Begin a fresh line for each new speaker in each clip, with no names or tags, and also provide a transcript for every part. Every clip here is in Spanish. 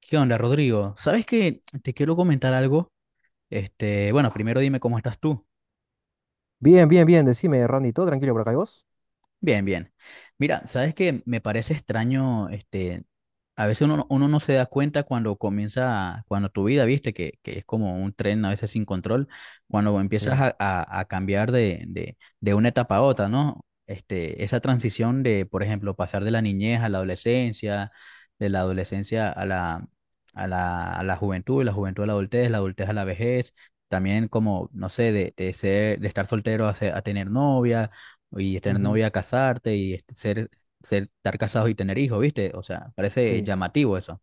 ¿Qué onda, Rodrigo? ¿Sabes qué? Te quiero comentar algo. Bueno, primero dime cómo estás tú.
Bien, bien, bien, decime, Randy, ¿todo tranquilo por acá y vos?
Bien, bien. Mira, sabes que me parece extraño, a veces uno no se da cuenta cuando comienza, cuando tu vida, viste, que es como un tren a veces sin control, cuando empiezas
Sí,
a cambiar de una etapa a otra, ¿no? Esa transición de, por ejemplo, pasar de la niñez a la adolescencia, de la adolescencia a la juventud, de la juventud a la adultez a la vejez, también como, no sé, de estar soltero a tener novia y tener
ujú,
novia, casarte y estar casado y tener hijos, ¿viste? O sea, parece
sí.
llamativo eso.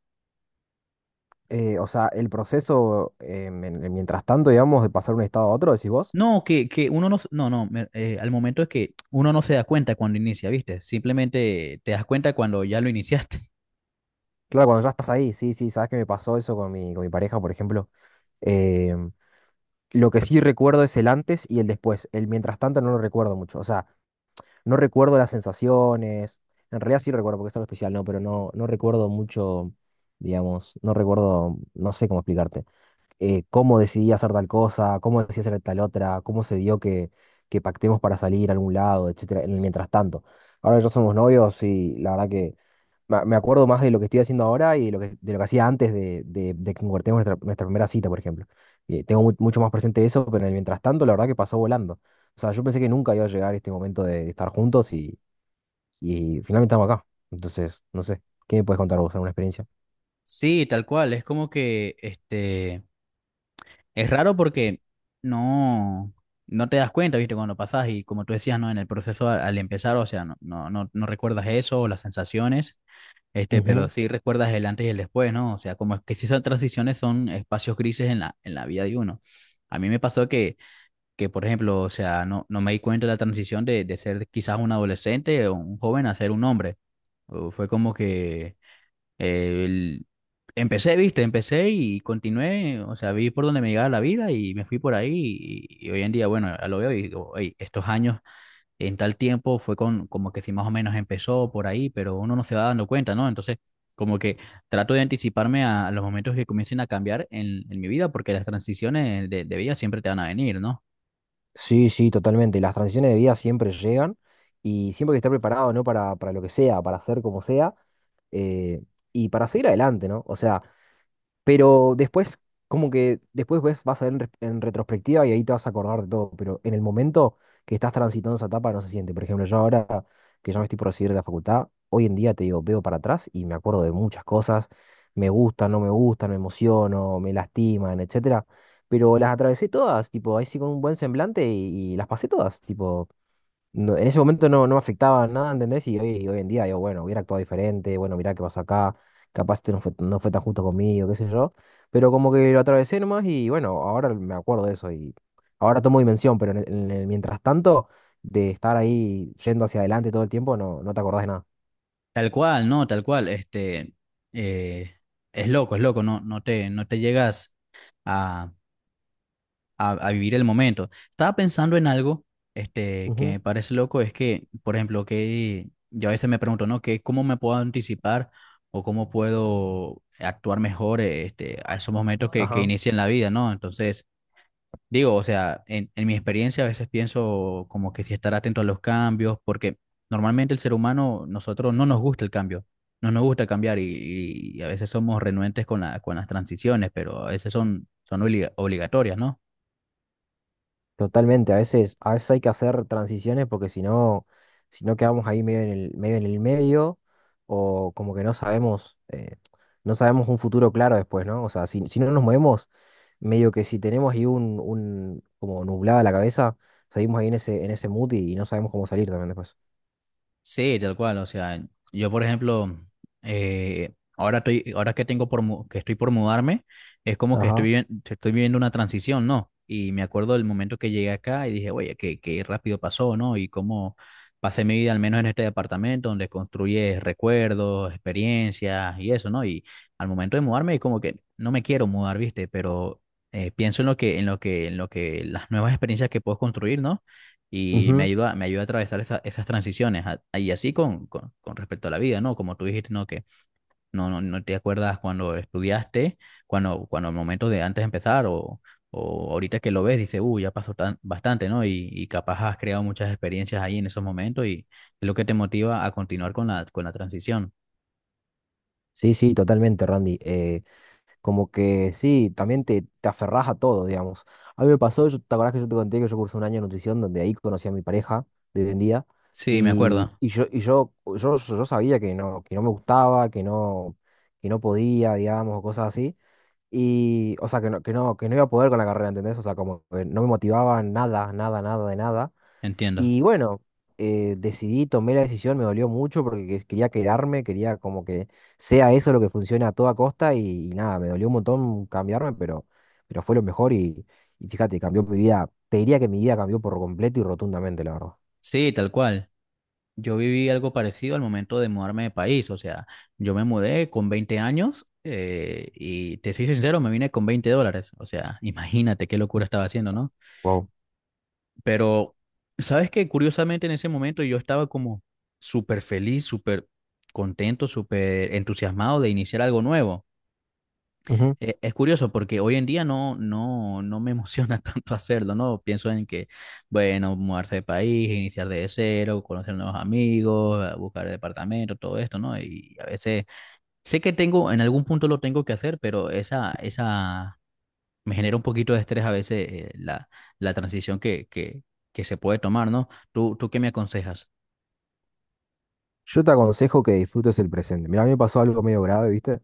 O sea, el proceso, mientras tanto, digamos, de pasar de un estado a otro, decís vos.
No, que uno no, al momento es que uno no se da cuenta cuando inicia, ¿viste? Simplemente te das cuenta cuando ya lo iniciaste.
Claro, cuando ya estás ahí, sí, sí, sabes que me pasó eso con mi pareja, por ejemplo. Em, lo que sí recuerdo es el antes y el después. El mientras tanto no lo recuerdo mucho. O sea, no recuerdo las sensaciones. En realidad sí recuerdo porque es algo especial, ¿no? Pero no, no recuerdo mucho, digamos, no recuerdo, no sé cómo explicarte. Cómo decidí hacer tal cosa, cómo decidí hacer tal otra, cómo se dio que pactemos para salir a algún lado, etcétera, en el mientras tanto. Ahora que ya somos novios y la verdad que me acuerdo más de lo que estoy haciendo ahora y de lo que hacía antes de que concretemos nuestra, nuestra primera cita, por ejemplo. Tengo mucho más presente eso, pero en el mientras tanto, la verdad que pasó volando. O sea, yo pensé que nunca iba a llegar este momento de estar juntos y finalmente estamos acá. Entonces, no sé, ¿qué me puedes contar vos? ¿Alguna experiencia?
Sí, tal cual, es como que, es raro porque no, no te das cuenta, ¿viste? Cuando pasas y como tú decías, ¿no? En el proceso al empezar, o sea, no recuerdas eso, las sensaciones. Pero sí recuerdas el antes y el después, ¿no? O sea, como es que si esas transiciones son espacios grises en la vida de uno. A mí me pasó que por ejemplo, o sea, no me di cuenta de la transición de ser quizás un adolescente o un joven a ser un hombre. O fue como que eh, el- empecé, viste, empecé y continué, o sea, vi por donde me llegaba la vida y me fui por ahí y hoy en día, bueno, ya lo veo y digo: "Ey, estos años en tal tiempo fue con, como que si más o menos empezó por ahí, pero uno no se va dando cuenta, ¿no? Entonces, como que trato de anticiparme a los momentos que comiencen a cambiar en mi vida, porque las transiciones de vida siempre te van a venir, ¿no?
Sí, sí, totalmente. Las transiciones de vida siempre llegan y siempre hay que estar preparado, ¿no? Para lo que sea, para hacer como sea, eh, y para seguir adelante, ¿no? O sea, pero después, como que después ves, vas a ver en retrospectiva y ahí te vas a acordar de todo. Pero en el momento que estás transitando esa etapa no se siente. Por ejemplo, yo ahora que ya me estoy por recibir de la facultad, hoy en día te digo, veo para atrás y me acuerdo de muchas cosas. Me gustan, no me gustan, me emociono, me lastiman, etcétera. Pero las atravesé todas, tipo, ahí sí con un buen semblante y las pasé todas. Tipo, en ese momento no, no me afectaba nada, ¿entendés? Y hoy en día yo, bueno, hubiera actuado diferente, bueno, mirá qué pasa acá, capaz este no fue, no fue tan justo conmigo, qué sé yo, pero como que lo atravesé nomás y bueno, ahora me acuerdo de eso y ahora tomo dimensión, pero en el mientras tanto, de estar ahí yendo hacia adelante todo el tiempo, no, no te acordás de nada.
Tal cual, ¿no? Tal cual. Este, eh, es loco, es loco, no te llegas a a vivir el momento. Estaba pensando en algo que me
Ujú,
parece loco, es que, por ejemplo, que yo a veces me pregunto, ¿no? Que, ¿cómo me puedo anticipar o cómo puedo actuar mejor a esos momentos que
ajá.
inician la vida, ¿no? Entonces, digo, o sea, en mi experiencia a veces pienso como que si estar atento a los cambios, porque normalmente el ser humano, nosotros no nos gusta el cambio. No nos gusta cambiar y a veces somos renuentes con con las transiciones, pero a veces son obligatorias, ¿no?
Totalmente, a veces hay que hacer transiciones porque si no, si no quedamos ahí medio en el, medio en el medio, o como que no sabemos, no sabemos un futuro claro después, ¿no? O sea, si, si no nos movemos, medio que si tenemos ahí un como nublada la cabeza, seguimos ahí en ese mood y no sabemos cómo salir también después.
Sí, tal cual. O sea, yo, por ejemplo, ahora estoy, ahora que estoy por mudarme, es como que estoy
Ajá.
viviendo, estoy viviendo una transición, ¿no? Y me acuerdo del momento que llegué acá y dije: oye, qué rápido pasó, ¿no? Y cómo pasé mi vida, al menos en este departamento, donde construyes recuerdos, experiencias y eso, ¿no? Y al momento de mudarme, es como que no me quiero mudar, ¿viste? Pero pienso en lo que, en lo que las nuevas experiencias que puedo construir, ¿no? y me
Ujú.
ayuda, me ayuda a atravesar esas transiciones y así con, con respecto a la vida, ¿no? Como tú dijiste, ¿no? Que no te acuerdas cuando estudiaste, cuando el momento de antes de empezar o ahorita que lo ves, dices: uy, ya pasó tan, bastante, ¿no? Y capaz has creado muchas experiencias ahí en esos momentos y es lo que te motiva a continuar con la transición.
Sí, sí, totalmente, Randy. Como que sí, también te aferrás a todo, digamos. A mí me pasó, yo, ¿te acordás que yo te conté que yo cursé un año de nutrición donde ahí conocí a mi pareja de hoy en día?
Sí, me acuerdo.
Y yo, yo sabía que no me gustaba, que no podía, digamos, o cosas así. Y, o sea, que no, que no, que no iba a poder con la carrera, ¿entendés? O sea, como que no me motivaba nada, nada, nada de nada.
Entiendo.
Y bueno, decidí, tomé la decisión, me dolió mucho porque quería quedarme, quería como que sea eso lo que funcione a toda costa y nada, me dolió un montón cambiarme, pero fue lo mejor y fíjate, cambió mi vida. Te diría que mi vida cambió por completo y rotundamente, la verdad.
Sí, tal cual. Yo viví algo parecido al momento de mudarme de país, o sea, yo me mudé con 20 años y te soy sincero, me vine con $20, o sea, imagínate qué locura estaba haciendo, ¿no?
Wow.
Pero, ¿sabes qué? Curiosamente en ese momento yo estaba como súper feliz, súper contento, súper entusiasmado de iniciar algo nuevo.
Ujú.
Es curioso porque hoy en día no me emociona tanto hacerlo, ¿no? Pienso en que, bueno, mudarse de país, iniciar de cero, conocer nuevos amigos, buscar departamento, todo esto, ¿no? Y a veces sé que tengo, en algún punto lo tengo que hacer, pero me genera un poquito de estrés a veces la transición que se puede tomar, ¿no? ¿Tú qué me aconsejas?
Yo te aconsejo que disfrutes el presente. Mira, a mí me pasó algo medio grave, ¿viste?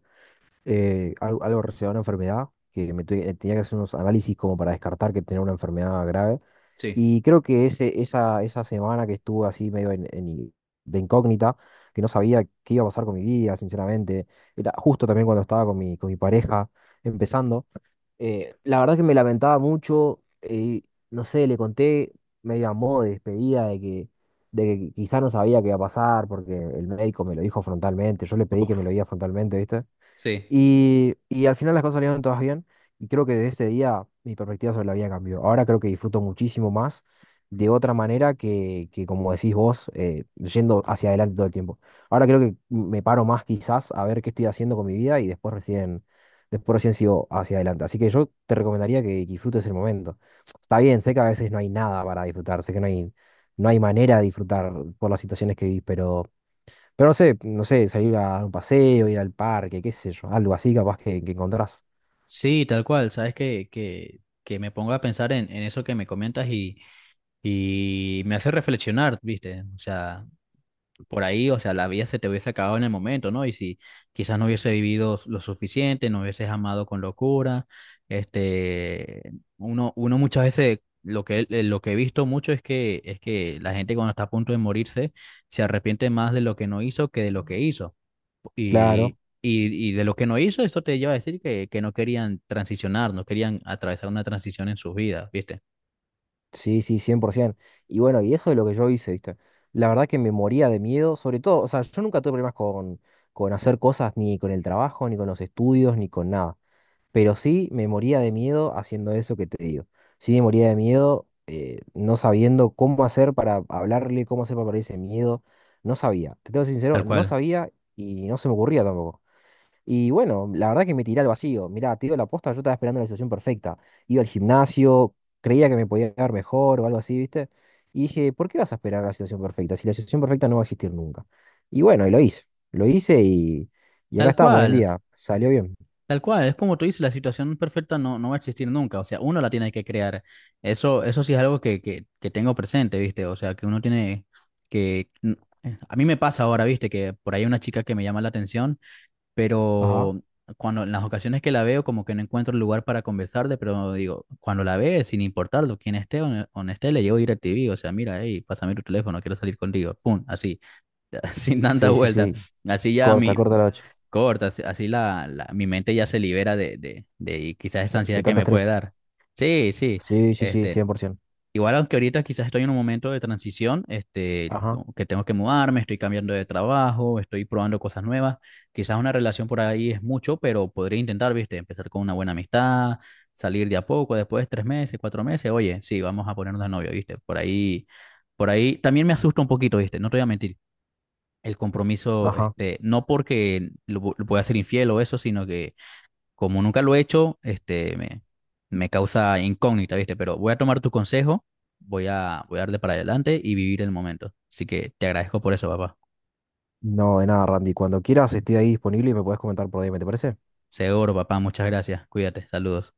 Algo relacionado a una enfermedad, que tenía que hacer unos análisis como para descartar que tenía una enfermedad grave.
Sí,
Y creo que ese, esa semana que estuve así en de incógnita, que no sabía qué iba a pasar con mi vida, sinceramente, era justo también cuando estaba con mi pareja empezando, la verdad que me lamentaba mucho, no sé, le conté medio a modo de despedida de que quizá no sabía qué iba a pasar porque el médico me lo dijo frontalmente, yo le pedí que me lo diga frontalmente, ¿viste?
sí.
Y al final las cosas salieron todas bien y creo que desde ese día mi perspectiva sobre la vida cambió. Ahora creo que disfruto muchísimo más de otra manera que como decís vos, yendo hacia adelante todo el tiempo. Ahora creo que me paro más quizás a ver qué estoy haciendo con mi vida y después recién sigo hacia adelante. Así que yo te recomendaría que disfrutes el momento. Está bien, sé que a veces no hay nada para disfrutar, sé que no hay, no hay manera de disfrutar por las situaciones que vivís, pero... pero no sé, no sé, salir a dar un paseo, ir al parque, qué sé yo, algo así capaz que encontrás.
Sí, tal cual, sabes que me pongo a pensar en eso que me comentas . Y me hace reflexionar, ¿viste? O sea, por ahí, o sea, la vida se te hubiese acabado en el momento, ¿no? Y si quizás no hubiese vivido lo suficiente, no hubieses amado con locura, este, uno muchas veces, lo que he visto mucho es que la gente cuando está a punto de morirse se arrepiente más de lo que no hizo que de lo que hizo. Y,
Claro,
y, y de lo que no hizo, eso te lleva a decir que no querían transicionar, no querían atravesar una transición en sus vidas, ¿viste?
sí, sí, 100%. Y bueno, y eso es lo que yo hice, ¿viste? La verdad que me moría de miedo, sobre todo, o sea, yo nunca tuve problemas con hacer cosas, ni con el trabajo, ni con los estudios, ni con nada. Pero sí me moría de miedo haciendo eso que te digo. Sí me moría de miedo, no sabiendo cómo hacer para hablarle, cómo hacer para perder ese miedo. No sabía, te tengo que ser
Tal
sincero, no
cual.
sabía y no se me ocurría tampoco. Y bueno, la verdad que me tiré al vacío. Mirá, te digo la posta, yo estaba esperando la situación perfecta. Iba al gimnasio, creía que me podía dar mejor o algo así, ¿viste? Y dije, ¿por qué vas a esperar la situación perfecta? Si la situación perfecta no va a existir nunca. Y bueno, y lo hice. Lo hice y acá
Tal
estamos hoy en
cual.
día. Salió bien.
Tal cual, es como tú dices, la situación perfecta no, no va a existir nunca, o sea, uno la tiene que crear. Eso sí es algo que tengo presente, ¿viste? O sea, que uno tiene que. A mí me pasa ahora, ¿viste? Que por ahí hay una chica que me llama la atención,
Ajá.
pero cuando en las ocasiones que la veo como que no encuentro el lugar para conversarle, pero digo, cuando la ve, sin importarlo, quién esté o no esté, le llevo DirecTV, o sea, mira, hey, pásame tu teléfono, quiero salir contigo, pum, así, sin tanta
Sí, sí,
vuelta.
sí.
Así ya
Corta,
mi,
corta la ocho.
corta, así así mi mente ya se libera de quizás esa
De
ansiedad que
tanto
me puede
estrés.
dar. Sí, sí.
Sí, sí, sí,
Este,
100%.
igual aunque ahorita quizás estoy en un momento de transición,
Ajá,
como que tengo que mudarme, estoy cambiando de trabajo, estoy probando cosas nuevas. Quizás una relación por ahí es mucho, pero podría intentar, viste, empezar con una buena amistad, salir de a poco, después 3 meses, 4 meses, oye, sí, vamos a ponernos de novio, viste, por ahí también me asusta un poquito, viste, no te voy a mentir el compromiso,
ajá.
no porque lo voy a ser infiel o eso, sino que como nunca lo he hecho, me causa incógnita, ¿viste? Pero voy a tomar tu consejo, voy a darle para adelante y vivir el momento. Así que te agradezco por eso, papá.
No, de nada, Randy. Cuando quieras, estoy ahí disponible y me podés comentar por DM, ¿te parece?
Seguro, papá, muchas gracias. Cuídate, saludos.